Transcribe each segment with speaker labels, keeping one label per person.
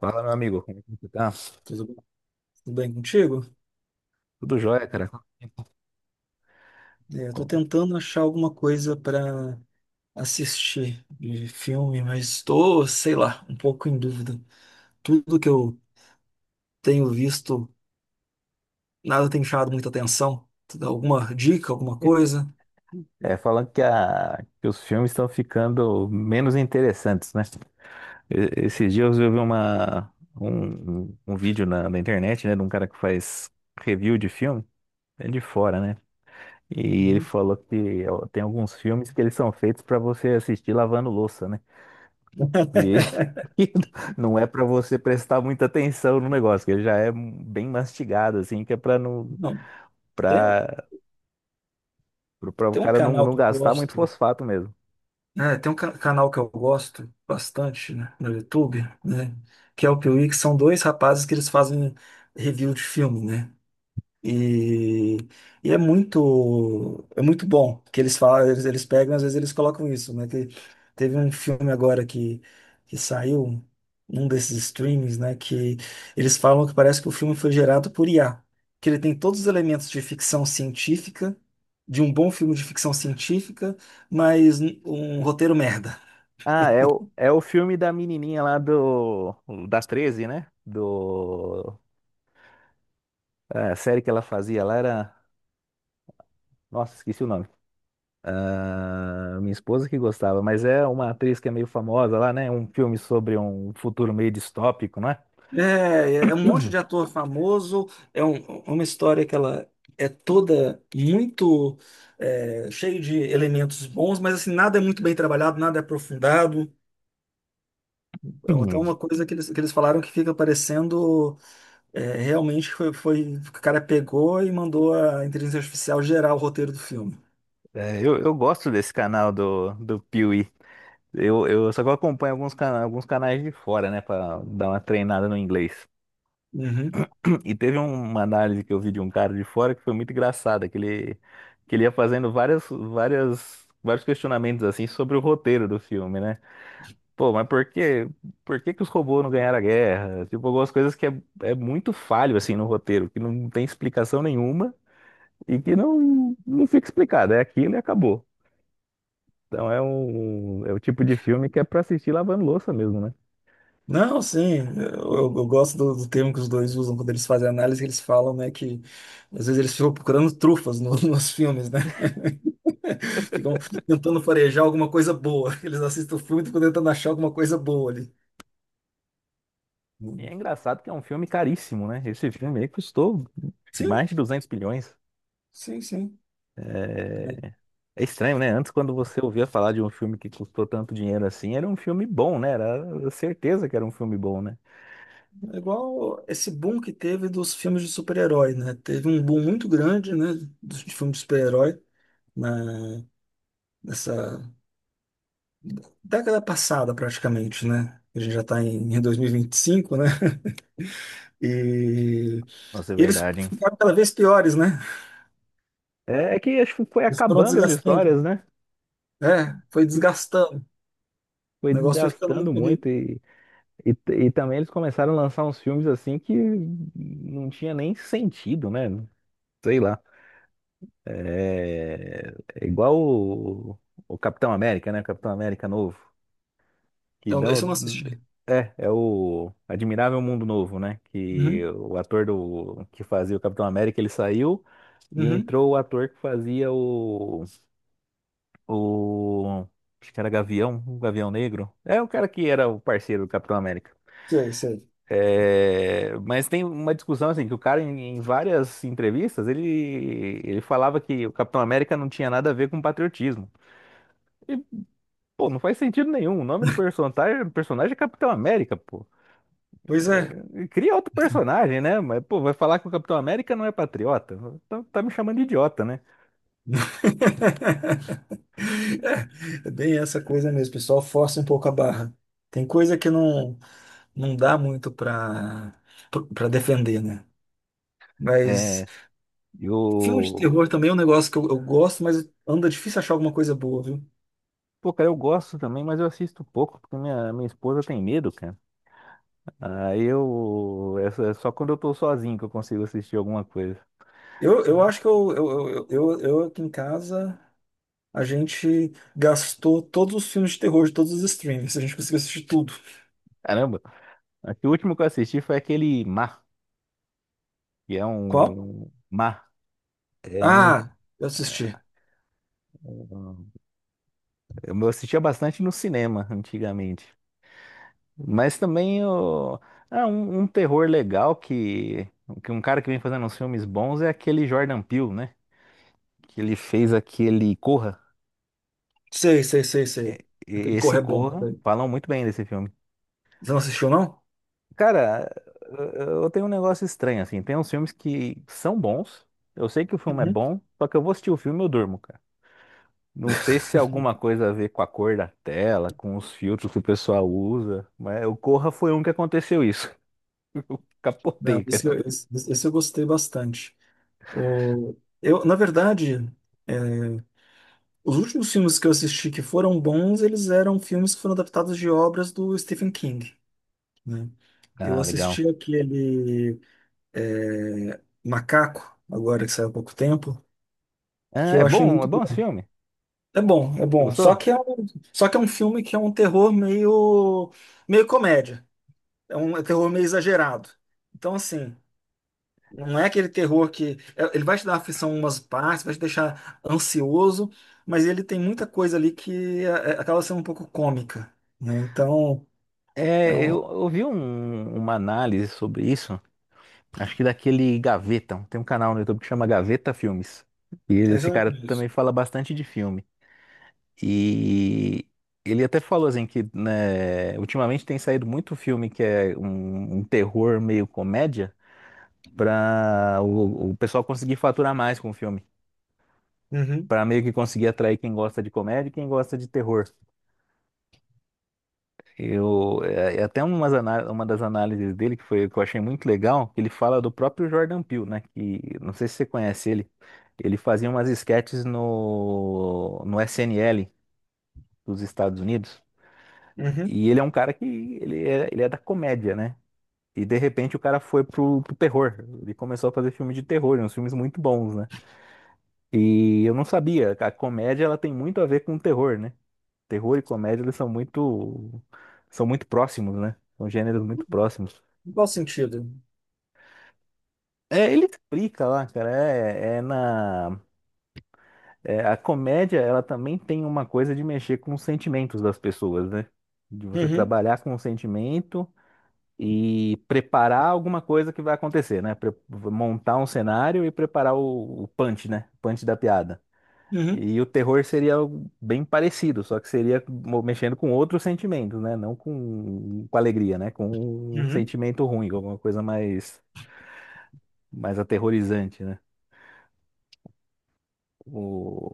Speaker 1: Fala, meu amigo, como é que você tá?
Speaker 2: Tudo bem, tudo bem contigo?
Speaker 1: Tudo jóia, cara. Quanto tempo?
Speaker 2: Eu tô
Speaker 1: Como-
Speaker 2: tentando achar alguma coisa para assistir de filme, mas estou, sei lá, um pouco em dúvida. Tudo que eu tenho visto, nada tem chamado muita atenção. Tu dá alguma dica, alguma coisa?
Speaker 1: É, falando que os filmes estão ficando menos interessantes, né? Esses dias eu vi uma, um, um um vídeo na internet, né, de um cara que faz review de filme, é de fora, né? E ele
Speaker 2: Uhum.
Speaker 1: falou que ó, tem alguns filmes que eles são feitos pra você assistir lavando louça, né? E não é pra você prestar muita atenção no negócio, que ele já é bem mastigado, assim, que é pra não,
Speaker 2: Não, tem, um-
Speaker 1: para o
Speaker 2: Tem um
Speaker 1: cara não,
Speaker 2: canal
Speaker 1: não
Speaker 2: que eu
Speaker 1: gastar muito
Speaker 2: gosto.
Speaker 1: fosfato mesmo.
Speaker 2: É, tem um canal que eu gosto bastante, né, no YouTube, né? Que é o Piuí, que são dois rapazes que eles fazem review de filme, né? E, e é muito bom que eles falam, eles pegam, às vezes eles colocam isso, né? Que teve um filme agora que saiu, num desses streams, né? Que eles falam que parece que o filme foi gerado por IA, que ele tem todos os elementos de ficção científica, de um bom filme de ficção científica, mas um roteiro merda.
Speaker 1: Ah, é o filme da menininha lá das 13, né? A série que ela fazia lá era, nossa, esqueci o nome. Ah, minha esposa que gostava, mas é uma atriz que é meio famosa lá, né? Um filme sobre um futuro meio distópico, não é?
Speaker 2: É, é um monte de ator famoso, é é uma história que ela é toda muito cheia de elementos bons, mas assim, nada é muito bem trabalhado, nada é aprofundado. Então até
Speaker 1: Hum.
Speaker 2: uma coisa que que eles falaram que fica parecendo realmente foi, o cara pegou e mandou a inteligência artificial gerar o roteiro do filme.
Speaker 1: É, eu gosto desse canal do Piuí. Eu só que eu acompanho alguns canais, de fora, né, pra dar uma treinada no inglês.
Speaker 2: Uhum.
Speaker 1: E teve uma análise que eu vi de um cara de fora que foi muito engraçada, que ele ia fazendo vários questionamentos assim sobre o roteiro do filme, né? Pô, mas por que que os robôs não ganharam a guerra? Tipo, algumas coisas que é muito falho assim no roteiro, que não tem explicação nenhuma e que não fica explicado. É aquilo e acabou. Então é o tipo de filme que é pra assistir lavando louça mesmo, né?
Speaker 2: Não, sim, eu gosto do, do termo que os dois usam quando eles fazem análise, eles falam, né, que às vezes eles ficam procurando trufas nos filmes, né? Ficam tentando farejar alguma coisa boa. Eles assistem o filme e ficam tentando achar alguma coisa boa ali.
Speaker 1: E é
Speaker 2: Hum.
Speaker 1: engraçado que é um filme caríssimo, né? Esse filme aí custou
Speaker 2: Sim,
Speaker 1: mais de 200 bilhões.
Speaker 2: sim, sim.
Speaker 1: É... é estranho, né? Antes, quando você ouvia falar de um filme que custou tanto dinheiro assim, era um filme bom, né? Era certeza que era um filme bom, né?
Speaker 2: É igual esse boom que teve dos filmes de super-herói, né? Teve um boom muito grande, né, dos de filmes de super-herói na nessa década passada, praticamente, né? A gente já está em 2025, né? E
Speaker 1: Nossa, é
Speaker 2: e eles
Speaker 1: verdade, hein?
Speaker 2: ficaram cada vez piores, né?
Speaker 1: É que acho que foi
Speaker 2: Eles foram
Speaker 1: acabando as
Speaker 2: desgastando.
Speaker 1: histórias, né?
Speaker 2: É, foi
Speaker 1: Acho que
Speaker 2: desgastando. O
Speaker 1: foi
Speaker 2: negócio foi ficando
Speaker 1: desgastando
Speaker 2: muito ruim.
Speaker 1: muito e também eles começaram a lançar uns filmes assim que não tinha nem sentido, né? Sei lá. É igual o Capitão América, né? O Capitão América novo. Que
Speaker 2: Então,
Speaker 1: dão,
Speaker 2: esse eu não assisti.
Speaker 1: é o Admirável Mundo Novo, né? Que
Speaker 2: Uhum.
Speaker 1: o ator que fazia o Capitão América, ele saiu e
Speaker 2: Uhum.
Speaker 1: entrou o ator que fazia o, acho que era Gavião, o Gavião Negro. É o cara que era o parceiro do Capitão América.
Speaker 2: Sei, sei.
Speaker 1: É, mas tem uma discussão assim, que o cara em várias entrevistas, ele falava que o Capitão América não tinha nada a ver com patriotismo. Pô, não faz sentido nenhum. O nome do personagem é Capitão América, pô.
Speaker 2: Pois é.
Speaker 1: É, cria outro personagem, né? Mas, pô, vai falar que o Capitão América não é patriota? Tá me chamando de idiota, né?
Speaker 2: É, é bem essa coisa mesmo, o pessoal. Força um pouco a barra. Tem coisa que não, não dá muito para defender, né? Mas
Speaker 1: É,
Speaker 2: filme de
Speaker 1: eu.
Speaker 2: terror também é um negócio que eu gosto, mas anda difícil achar alguma coisa boa, viu?
Speaker 1: Pô, cara, eu gosto também, mas eu assisto pouco, porque minha esposa tem medo, cara. Aí eu. É só quando eu tô sozinho que eu consigo assistir alguma coisa.
Speaker 2: Eu acho que eu aqui em casa a gente gastou todos os filmes de terror de todos os streams. A gente conseguiu assistir tudo.
Speaker 1: Caramba, acho que o último que eu assisti foi aquele Mar, que é
Speaker 2: Qual?
Speaker 1: um. Mar. É um.
Speaker 2: Ah, eu assisti.
Speaker 1: Um, Eu assistia bastante no cinema antigamente. Mas também é um terror legal que um cara que vem fazendo uns filmes bons é aquele Jordan Peele, né? Que ele fez aquele Corra.
Speaker 2: Sei, sei, sei, sei. Aquele
Speaker 1: Esse
Speaker 2: Corre é bom
Speaker 1: Corra,
Speaker 2: também.
Speaker 1: falam muito bem desse filme.
Speaker 2: Você não assistiu, não?
Speaker 1: Cara, eu tenho um negócio estranho, assim. Tem uns filmes que são bons. Eu sei que o filme é
Speaker 2: Uhum.
Speaker 1: bom, só que eu vou assistir o filme e eu durmo, cara. Não sei se é alguma coisa a ver com a cor da tela, com os filtros que o pessoal usa, mas o Corra foi um que aconteceu isso.
Speaker 2: Não,
Speaker 1: Capotei, cara.
Speaker 2: esse eu gostei bastante. O, eu, na verdade, os últimos filmes que eu assisti que foram bons, eles eram filmes que foram adaptados de obras do Stephen King, né? Eu
Speaker 1: Ah, legal.
Speaker 2: assisti aquele Macaco, agora que saiu há pouco tempo,
Speaker 1: Ah,
Speaker 2: que
Speaker 1: é
Speaker 2: eu achei
Speaker 1: bom, é
Speaker 2: muito
Speaker 1: bom esse
Speaker 2: bom.
Speaker 1: filme?
Speaker 2: É bom, é
Speaker 1: Você
Speaker 2: bom.
Speaker 1: gostou?
Speaker 2: Só que é um filme que é um terror meio, meio comédia. É um é terror meio exagerado. Então, assim, não é aquele terror Ele vai te dar aflição em umas partes, vai te deixar ansioso, mas ele tem muita coisa ali que é- acaba sendo um pouco cômica, né? Então, é
Speaker 1: É, eu
Speaker 2: um.
Speaker 1: ouvi uma análise sobre isso, acho que daquele Gaveta. Tem um canal no YouTube que chama Gaveta Filmes. E
Speaker 2: Esse
Speaker 1: esse
Speaker 2: eu não
Speaker 1: cara
Speaker 2: conheço.
Speaker 1: também fala bastante de filme. E ele até falou assim que, né, ultimamente tem saído muito filme que é um terror meio comédia para o pessoal conseguir faturar mais com o filme.
Speaker 2: Uhum,
Speaker 1: Para meio que conseguir atrair quem gosta de comédia e quem gosta de terror. Eu, é, é até umas uma das análises dele que foi que eu achei muito legal, que ele fala do próprio Jordan Peele, né? Que não sei se você conhece ele. Ele fazia umas esquetes no SNL dos Estados Unidos.
Speaker 2: uhum.
Speaker 1: E ele é um cara que ele é da comédia, né? E de repente o cara foi pro terror. Ele começou a fazer filme de terror, uns filmes muito bons, né? E eu não sabia, a comédia ela tem muito a ver com o terror, né? Terror e comédia eles são muito próximos, né? São gêneros muito próximos.
Speaker 2: Em qual sentido?
Speaker 1: É, ele explica lá, cara. A comédia, ela também tem uma coisa de mexer com os sentimentos das pessoas, né? De você
Speaker 2: Uhum,
Speaker 1: trabalhar com o sentimento e preparar alguma coisa que vai acontecer, né? Montar um cenário e preparar o punch, né? O Punch da piada.
Speaker 2: uhum,
Speaker 1: E o terror seria algo bem parecido, só que seria mexendo com outros sentimentos, né? Não com alegria, né? Com um
Speaker 2: uhum.
Speaker 1: sentimento ruim, alguma coisa mais aterrorizante, né?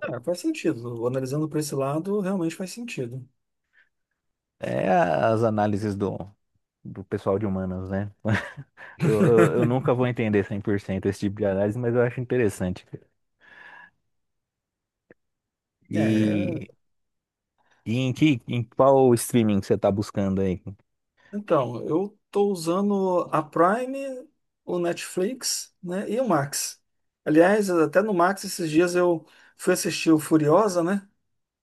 Speaker 2: É, faz sentido. Analisando por esse lado, realmente faz sentido.
Speaker 1: É as análises do pessoal de humanas, né? Eu nunca vou entender 100% esse tipo de análise, mas eu acho interessante.
Speaker 2: É,
Speaker 1: E, e em qual streaming que você tá buscando aí?
Speaker 2: então, eu estou usando a Prime, o Netflix, né, e o Max. Aliás, até no Max esses dias eu fui assistir o Furiosa, né?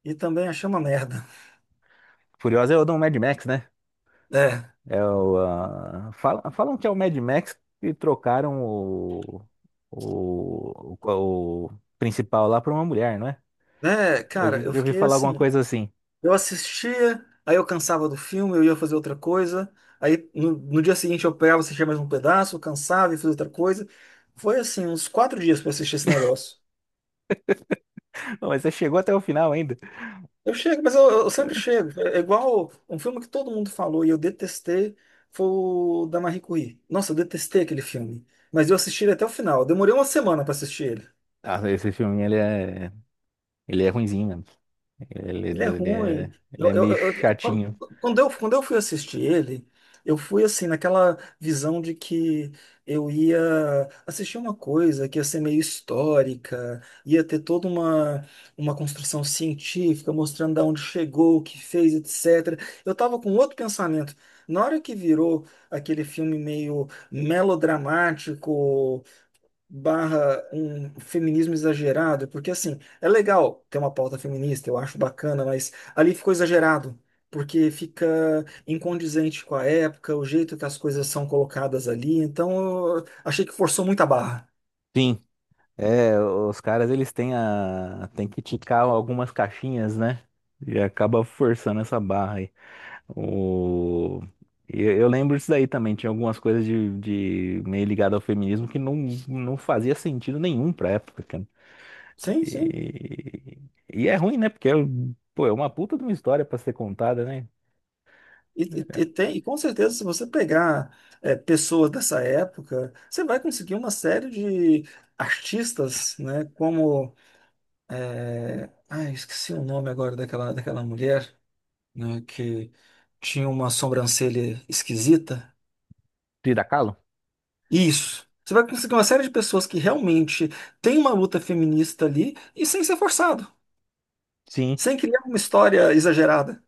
Speaker 2: E também achei uma merda.
Speaker 1: Furiosa é o do Mad Max, né?
Speaker 2: É,
Speaker 1: Ah, falam que é o Mad Max que trocaram o principal lá pra uma mulher, não é?
Speaker 2: né,
Speaker 1: Eu
Speaker 2: cara,
Speaker 1: já
Speaker 2: eu
Speaker 1: já ouvi
Speaker 2: fiquei
Speaker 1: falar alguma
Speaker 2: assim,
Speaker 1: coisa assim.
Speaker 2: eu assistia, aí eu cansava do filme, eu ia fazer outra coisa, aí no dia seguinte eu pegava, assistia mais um pedaço, eu cansava e fazia outra coisa. Foi assim, uns quatro dias para assistir esse negócio.
Speaker 1: Mas você chegou até o final ainda.
Speaker 2: Eu chego, mas eu sempre chego. É igual um filme que todo mundo falou e eu detestei, foi o da Marie Curie. Nossa, eu detestei aquele filme. Mas eu assisti ele até o final. Eu demorei uma semana para assistir ele.
Speaker 1: Ah, esse filme, ele é ruinzinho, né? Ele,
Speaker 2: Ele é
Speaker 1: ele
Speaker 2: ruim.
Speaker 1: é, ele
Speaker 2: Eu,
Speaker 1: é
Speaker 2: eu-
Speaker 1: meio
Speaker 2: eu- eu- quando
Speaker 1: chatinho.
Speaker 2: Quando eu, quando eu fui assistir ele, eu fui assim, naquela visão de que eu ia assistir uma coisa que ia ser meio histórica, ia ter toda uma construção científica mostrando de onde chegou, o que fez, etc. Eu estava com outro pensamento. Na hora que virou aquele filme meio melodramático, barra um feminismo exagerado, porque assim, é legal ter uma pauta feminista, eu acho bacana, mas ali ficou exagerado, porque fica incondizente com a época, o jeito que as coisas são colocadas ali, então eu achei que forçou muito a barra.
Speaker 1: Sim, é, os caras eles têm tem que ticar algumas caixinhas, né? E acaba forçando essa barra aí. O... eu lembro disso daí também, tinha algumas coisas de meio ligado ao feminismo que não fazia sentido nenhum pra época, cara.
Speaker 2: Sim, sim.
Speaker 1: E, e é ruim, né? Porque, pô, é uma puta de uma história pra ser contada, né?
Speaker 2: E, e tem, e com certeza, se você pegar pessoas dessa época, você vai conseguir uma série de artistas, né? Como. É, ai, esqueci o nome agora daquela, daquela mulher. Né, que tinha uma sobrancelha esquisita.
Speaker 1: Frida Kahlo?
Speaker 2: Isso. Você vai conseguir uma série de pessoas que realmente tem uma luta feminista ali e sem ser forçado,
Speaker 1: Sim.
Speaker 2: sem criar uma história exagerada.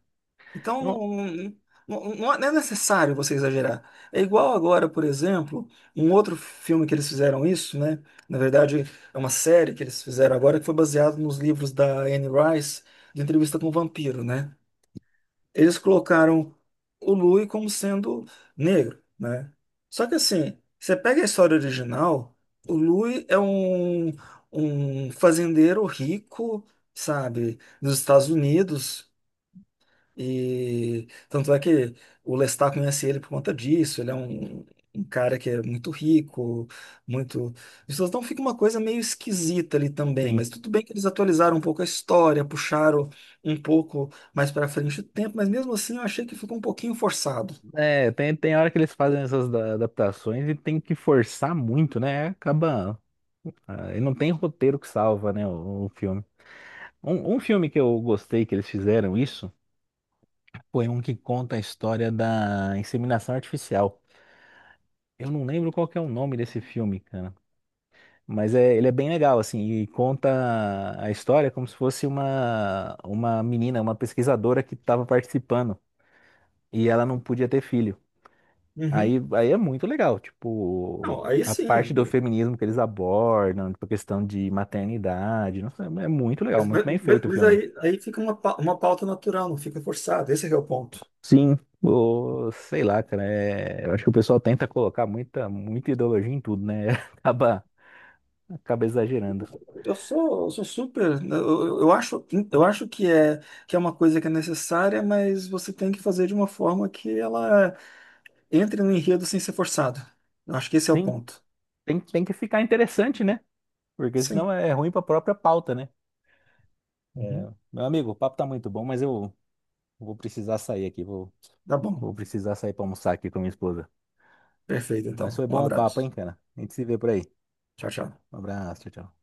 Speaker 2: Então,
Speaker 1: Não,
Speaker 2: não, não é necessário você exagerar. É igual agora, por exemplo, um outro filme que eles fizeram isso, né? Na verdade, é uma série que eles fizeram agora que foi baseado nos livros da Anne Rice, de Entrevista com o Vampiro, né? Eles colocaram o Louis como sendo negro, né? Só que assim, você pega a história original, o Louis é um, um fazendeiro rico, sabe, dos Estados Unidos. E tanto é que o Lestat conhece ele por conta disso. Ele é um, um cara que é muito rico, muito. Então fica uma coisa meio esquisita ali também,
Speaker 1: sim.
Speaker 2: mas tudo bem que eles atualizaram um pouco a história, puxaram um pouco mais para frente o tempo, mas mesmo assim eu achei que ficou um pouquinho forçado.
Speaker 1: É, tem hora que eles fazem essas adaptações e tem que forçar muito, né? Acaba. Ah, ele não tem roteiro que salva, né? O filme. Um filme que eu gostei que eles fizeram isso foi um que conta a história da inseminação artificial. Eu não lembro qual que é o nome desse filme, cara. Mas ele é bem legal, assim, e conta a história como se fosse uma, menina, uma pesquisadora que estava participando e ela não podia ter filho. Aí,
Speaker 2: Uhum.
Speaker 1: aí é muito legal,
Speaker 2: Não,
Speaker 1: tipo,
Speaker 2: aí
Speaker 1: a parte do
Speaker 2: sim.
Speaker 1: feminismo que eles abordam, tipo, a questão de maternidade, nossa, é muito legal,
Speaker 2: Mas,
Speaker 1: muito
Speaker 2: mas-
Speaker 1: bem feito o
Speaker 2: mas
Speaker 1: filme.
Speaker 2: aí, aí fica uma, uma pauta natural, não fica forçado. Esse é que é o ponto.
Speaker 1: Sim, sei lá, cara, eu acho que o pessoal tenta colocar muita, muita ideologia em tudo, né? Acaba, acaba, exagerando.
Speaker 2: Eu sou super. Né, eu acho que é uma coisa que é necessária, mas você tem que fazer de uma forma que ela entre no enredo sem ser forçado. Eu acho que esse é o
Speaker 1: Sim,
Speaker 2: ponto.
Speaker 1: tem que ficar interessante, né? Porque senão
Speaker 2: Sim.
Speaker 1: é ruim pra própria pauta, né?
Speaker 2: Uhum.
Speaker 1: Meu amigo, o papo tá muito bom, mas eu vou precisar sair aqui, vou,
Speaker 2: Tá bom.
Speaker 1: vou precisar sair pra almoçar aqui com minha esposa.
Speaker 2: Perfeito,
Speaker 1: Mas
Speaker 2: então.
Speaker 1: foi
Speaker 2: Um
Speaker 1: bom o papo, hein,
Speaker 2: abraço.
Speaker 1: cara? A gente se vê por aí.
Speaker 2: Tchau, tchau.
Speaker 1: Um abraço, tchau, tchau.